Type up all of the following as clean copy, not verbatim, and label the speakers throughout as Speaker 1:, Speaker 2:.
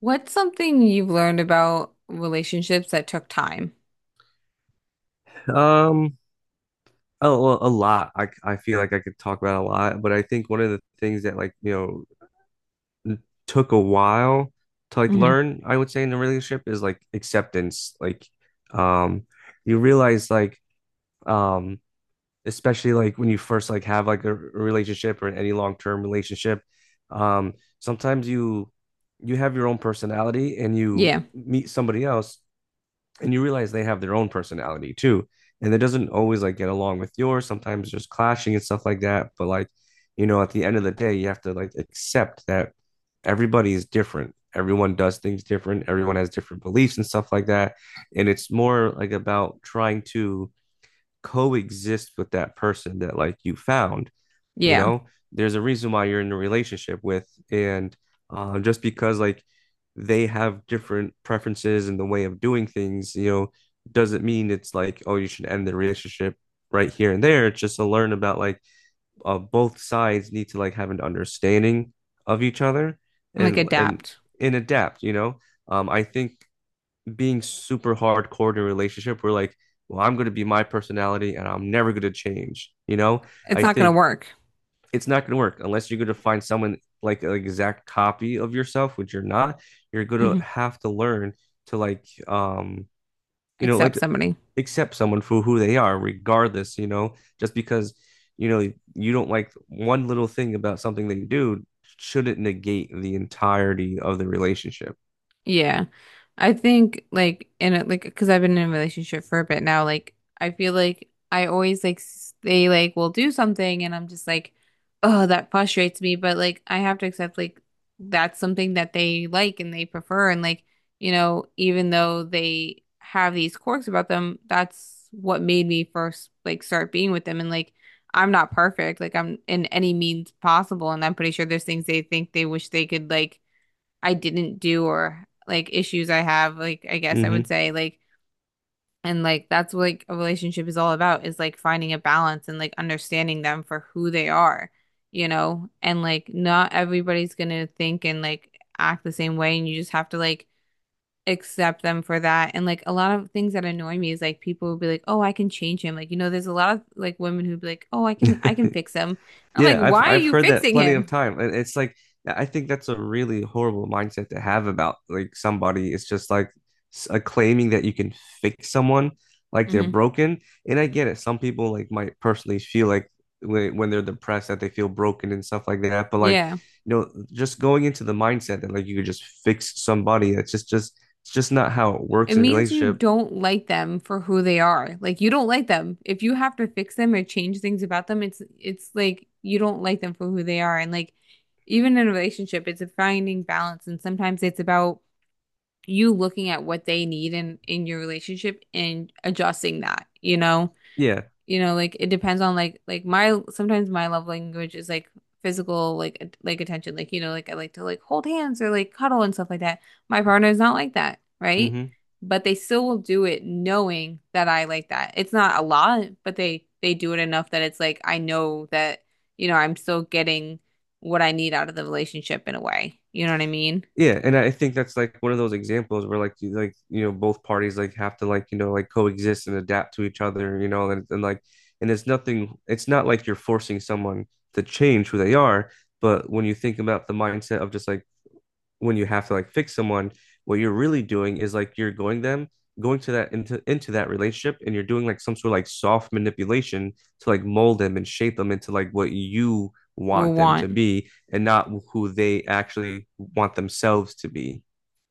Speaker 1: What's something you've learned about relationships that took time?
Speaker 2: Um, well, a lot. I feel like I could talk about a lot, but I think one of the things that like, took a while to like
Speaker 1: Hmm.
Speaker 2: learn, I would say in a relationship is like acceptance. Like, um, you realize like, um, especially like when you first like have like a relationship or any long-term relationship, um, sometimes you have your own personality and you
Speaker 1: Yeah,
Speaker 2: meet somebody else and you realize they have their own personality too, and it doesn't always like get along with yours. Sometimes there's clashing and stuff like that, but like at the end of the day you have to like accept that everybody is different. Everyone does things different. Everyone has different beliefs and stuff like that. And it's more like about trying to coexist with that person that like you found. You
Speaker 1: yeah.
Speaker 2: know, there's a reason why you're in a relationship with, and just because like they have different preferences and the way of doing things, doesn't mean it's like, oh, you should end the relationship right here and there. It's just to learn about like both sides need to like have an understanding of each other
Speaker 1: Like
Speaker 2: and and
Speaker 1: adapt.
Speaker 2: and adapt. I think being super hardcore in a relationship we're like, well, I'm going to be my personality and I'm never going to change,
Speaker 1: It's
Speaker 2: I
Speaker 1: not gonna
Speaker 2: think
Speaker 1: work.
Speaker 2: it's not going to work unless you're going to find someone like an exact copy of yourself which you're not you're going to
Speaker 1: Hmm.
Speaker 2: have to learn to like
Speaker 1: Accept
Speaker 2: like
Speaker 1: somebody.
Speaker 2: accept someone for who they are regardless, just because, you don't like one little thing about something that you do shouldn't negate the entirety of the relationship.
Speaker 1: Yeah. I think like in a like because I've been in a relationship for a bit now, like I feel like I always they like will do something and I'm just like, oh, that frustrates me. But like I have to accept like that's something that they like and they prefer and like, you know, even though they have these quirks about them, that's what made me first like start being with them and like I'm not perfect. Like I'm in any means possible and I'm pretty sure there's things they think they wish they could like I didn't do or like issues I have, like I guess I would
Speaker 2: Mm-hmm.
Speaker 1: say like and like that's what like a relationship is all about is like finding a balance and like understanding them for who they are, you know? And like not everybody's gonna think and like act the same way and you just have to like accept them for that. And like a lot of things that annoy me is like people will be like, "Oh, I can change him." Like, you know, there's a lot of like women who'd be like, "Oh, I can fix him." I'm like,
Speaker 2: Yeah, I've
Speaker 1: "Why are
Speaker 2: I've
Speaker 1: you
Speaker 2: heard that
Speaker 1: fixing
Speaker 2: plenty of
Speaker 1: him?"
Speaker 2: time. And it's like, yeah, I think that's a really horrible mindset to have about like somebody. It's just like claiming that you can fix someone like they're
Speaker 1: Hmm.
Speaker 2: broken. And I get it. Some people like might personally feel like when they're depressed that they feel broken and stuff like that. But like,
Speaker 1: Yeah.
Speaker 2: just going into the mindset that like you could just fix somebody. That's just, it's just not how it
Speaker 1: It
Speaker 2: works in a
Speaker 1: means you
Speaker 2: relationship.
Speaker 1: don't like them for who they are. Like you don't like them. If you have to fix them or change things about them, it's like you don't like them for who they are. And like even in a relationship, it's a finding balance. And sometimes it's about you looking at what they need in your relationship and adjusting that, you know?
Speaker 2: Yeah.
Speaker 1: You know, like it depends on like my sometimes my love language is like physical like attention, like you know, like I like to like hold hands or like cuddle and stuff like that. My partner is not like that, right?
Speaker 2: Hmm.
Speaker 1: But they still will do it knowing that I like that. It's not a lot, but they do it enough that it's like I know that, you know, I'm still getting what I need out of the relationship in a way. You know what I mean?
Speaker 2: Yeah, and I think that's like one of those examples where like you like both parties like have to like like coexist and adapt to each other, and like and it's nothing, it's not like you're forcing someone to change who they are, but when you think about the mindset of just like when you have to like fix someone, what you're really doing is like you're going them going to that into that relationship and you're doing like some sort of like soft manipulation to like mold them and shape them into like what you
Speaker 1: Will
Speaker 2: want them to
Speaker 1: want.
Speaker 2: be and not who they actually want themselves to be.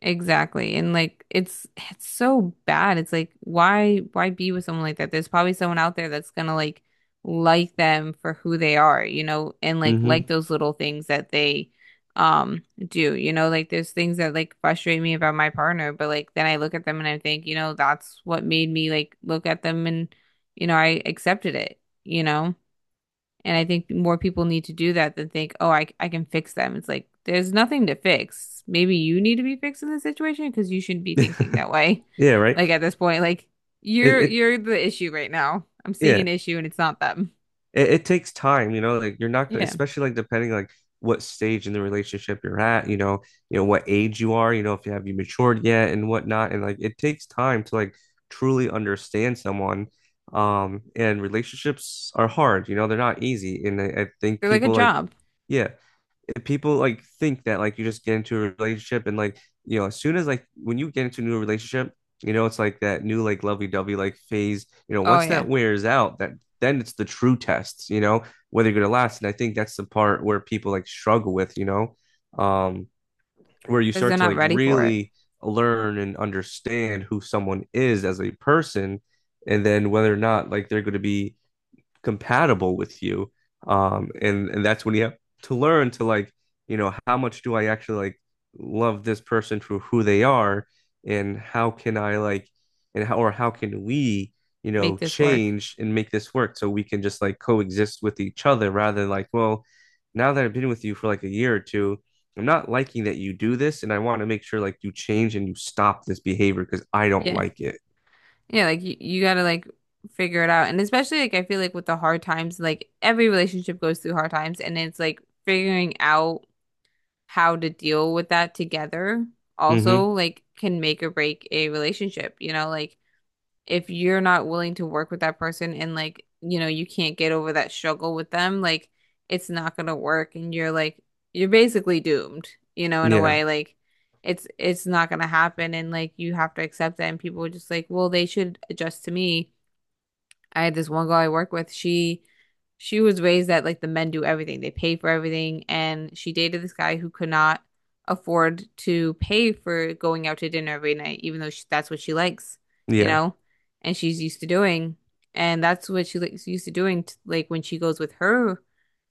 Speaker 1: Exactly. And like it's so bad. It's like why be with someone like that? There's probably someone out there that's gonna like them for who they are, you know, and like
Speaker 2: Hmm.
Speaker 1: those little things that they do. You know, like there's things that like frustrate me about my partner, but like then I look at them and I think, you know, that's what made me like look at them and you know, I accepted it, you know? And I think more people need to do that than think, oh, I can fix them. It's like, there's nothing to fix. Maybe you need to be fixed in this situation because you shouldn't be thinking that way.
Speaker 2: Yeah, right.
Speaker 1: Like at this point, like
Speaker 2: It,
Speaker 1: you're
Speaker 2: it
Speaker 1: you're the issue right now. I'm seeing
Speaker 2: yeah,
Speaker 1: an issue and it's not them.
Speaker 2: it takes time, like you're not gonna,
Speaker 1: Yeah.
Speaker 2: especially like depending like what stage in the relationship you're at, what age you are, if you have you matured yet and whatnot. And like it takes time to like truly understand someone. And relationships are hard, they're not easy. And I think
Speaker 1: They're like a
Speaker 2: people like,
Speaker 1: job.
Speaker 2: yeah, people like think that like you just get into a relationship and like, as soon as like when you get into a new relationship, it's like that new like lovey-dovey like phase,
Speaker 1: Oh,
Speaker 2: once
Speaker 1: yeah.
Speaker 2: that wears out, that then it's the true test, whether you're gonna last. And I think that's the part where people like struggle with, um where you
Speaker 1: Because they're
Speaker 2: start to
Speaker 1: not
Speaker 2: like
Speaker 1: ready for it.
Speaker 2: really learn and understand who someone is as a person and then whether or not like they're gonna be compatible with you. And that's when you have to learn to like, how much do I actually like love this person for who they are, and how can I like, and how or how can we,
Speaker 1: Make this work.
Speaker 2: change and make this work so we can just like coexist with each other rather than like, well, now that I've been with you for like a year or two. I'm not liking that you do this, and I want to make sure like you change and you stop this behavior because I don't
Speaker 1: Yeah.
Speaker 2: like it.
Speaker 1: Yeah, like you gotta like figure it out. And especially like I feel like with the hard times, like every relationship goes through hard times and it's like figuring out how to deal with that together also
Speaker 2: Mm-hmm.
Speaker 1: like can make or break a relationship, you know, like if you're not willing to work with that person and like, you know, you can't get over that struggle with them, like it's not gonna work and you're like you're basically doomed, you know, in a
Speaker 2: Yeah,
Speaker 1: way like it's not gonna happen and like you have to accept that and people are just like, well, they should adjust to me. I had this one girl I work with. She was raised that like the men do everything. They pay for everything. And she dated this guy who could not afford to pay for going out to dinner every night, even though she, that's what she likes, you
Speaker 2: yeah,
Speaker 1: know, and she's used to doing. And that's what she likes used to doing t like when she goes with her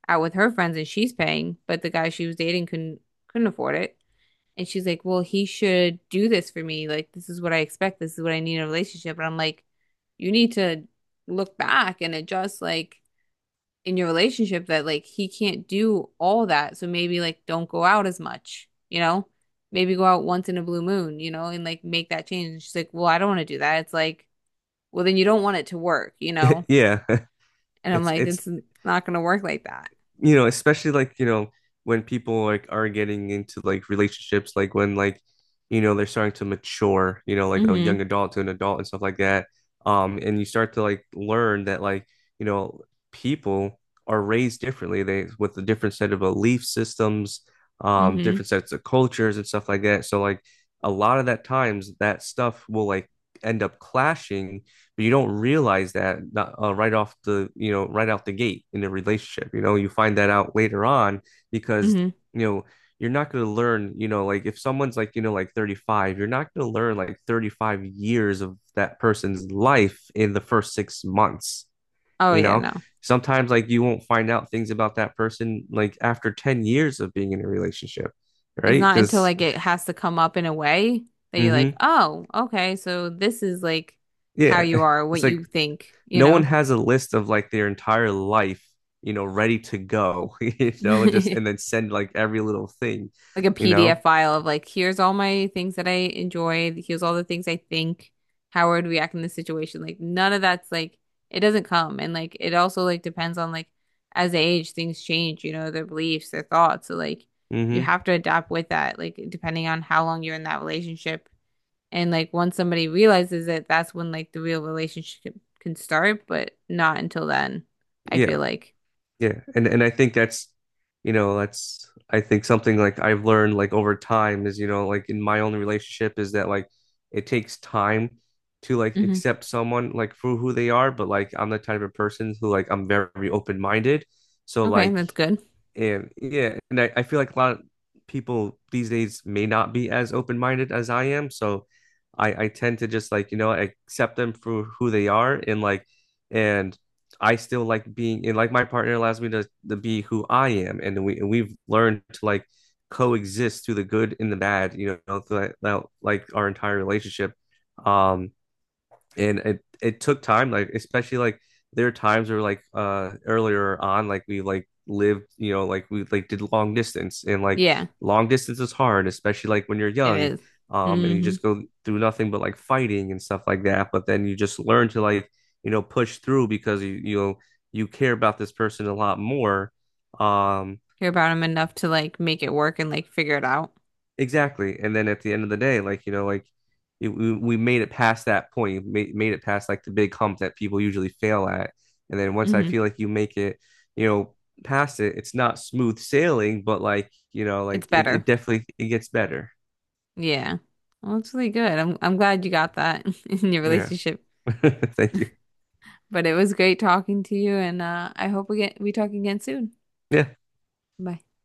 Speaker 1: out with her friends and she's paying, but the guy she was dating couldn't afford it. And she's like, well, he should do this for me. Like, this is what I expect. This is what I need in a relationship. And I'm like, you need to look back and adjust, like, in your relationship that, like, he can't do all that. So maybe, like, don't go out as much, you know? Maybe go out once in a blue moon, you know, and like make that change. And she's like, well, I don't want to do that. It's like, well, then you don't want it to work, you know?
Speaker 2: yeah.
Speaker 1: And I'm
Speaker 2: It's
Speaker 1: like,
Speaker 2: it's
Speaker 1: it's not going to work like that.
Speaker 2: especially like, when people like are getting into like relationships, like when like, they're starting to mature, like a
Speaker 1: Mm-hmm.
Speaker 2: young adult to an adult and stuff like that. And you start to like learn that like, you know, people are raised differently. They with a different set of belief systems,
Speaker 1: Mm-hmm.
Speaker 2: different sets of cultures and stuff like that. So like a lot of that times that stuff will like end up clashing but you don't realize that right off the, you know, right out the gate in a relationship. You find that out later on because,
Speaker 1: Mm-hmm.
Speaker 2: you know, you're not going to learn, like if someone's like, like 35, you're not going to learn like 35 years of that person's life in the first 6 months,
Speaker 1: Oh,
Speaker 2: you
Speaker 1: yeah,
Speaker 2: know?
Speaker 1: no.
Speaker 2: Sometimes like you won't find out things about that person like after 10 years of being in a relationship,
Speaker 1: It's
Speaker 2: right?
Speaker 1: not until
Speaker 2: Because,
Speaker 1: like it has to come up in a way that you're like,
Speaker 2: mm-hmm,
Speaker 1: oh, okay, so this is like how
Speaker 2: yeah,
Speaker 1: you are, what
Speaker 2: it's
Speaker 1: you
Speaker 2: like
Speaker 1: think, you
Speaker 2: no one
Speaker 1: know?
Speaker 2: has a list of like their entire life, ready to go, just and then send like every little thing,
Speaker 1: Like a
Speaker 2: you
Speaker 1: PDF
Speaker 2: know?
Speaker 1: file of like, here's all my things that I enjoy, here's all the things I think, how I would react in this situation. Like none of that's like it doesn't come. And like it also like depends on like as they age, things change, you know, their beliefs, their thoughts. So like you
Speaker 2: Mm-hmm.
Speaker 1: have to adapt with that, like depending on how long you're in that relationship. And like once somebody realizes it, that's when like the real relationship can start, but not until then, I feel
Speaker 2: Yeah.
Speaker 1: like.
Speaker 2: Yeah. and I think that's I think something like I've learned like over time is, like in my own relationship is that like it takes time to like
Speaker 1: Hmm.
Speaker 2: accept someone like for who they are, but like I'm the type of person who like I'm very open-minded. So
Speaker 1: Okay,
Speaker 2: like
Speaker 1: that's good.
Speaker 2: and yeah, and I feel like a lot of people these days may not be as open-minded as I am. So I tend to just like, accept them for who they are and like and I still like being and like my partner allows me to be who I am. And we and we've learned to like coexist through the good and the bad, throughout like our entire relationship. Um and it took time, like especially like there are times where like earlier on like we like lived, like we like did long distance and like
Speaker 1: Yeah,
Speaker 2: long distance is hard, especially like when you're
Speaker 1: it
Speaker 2: young,
Speaker 1: is.
Speaker 2: and you
Speaker 1: Mm-hmm.
Speaker 2: just go through nothing but like fighting and stuff like that, but then you just learn to like, push through because you care about this person a lot more. um
Speaker 1: Care about him enough to like make it work and like figure it out.
Speaker 2: Exactly. And then at the end of the day, like, like it, we made it past that point, made, made, it past like the big hump that people usually fail at. And then once I
Speaker 1: Hmm.
Speaker 2: feel like you make it, you know, past it, it's not smooth sailing, but like,
Speaker 1: It's
Speaker 2: like it
Speaker 1: better.
Speaker 2: definitely it gets better.
Speaker 1: Yeah. Well, it's really good. I'm glad you got that in your
Speaker 2: Yeah.
Speaker 1: relationship.
Speaker 2: Thank you.
Speaker 1: But it was great talking to you, and I hope we talk again soon.
Speaker 2: Yeah.
Speaker 1: Bye.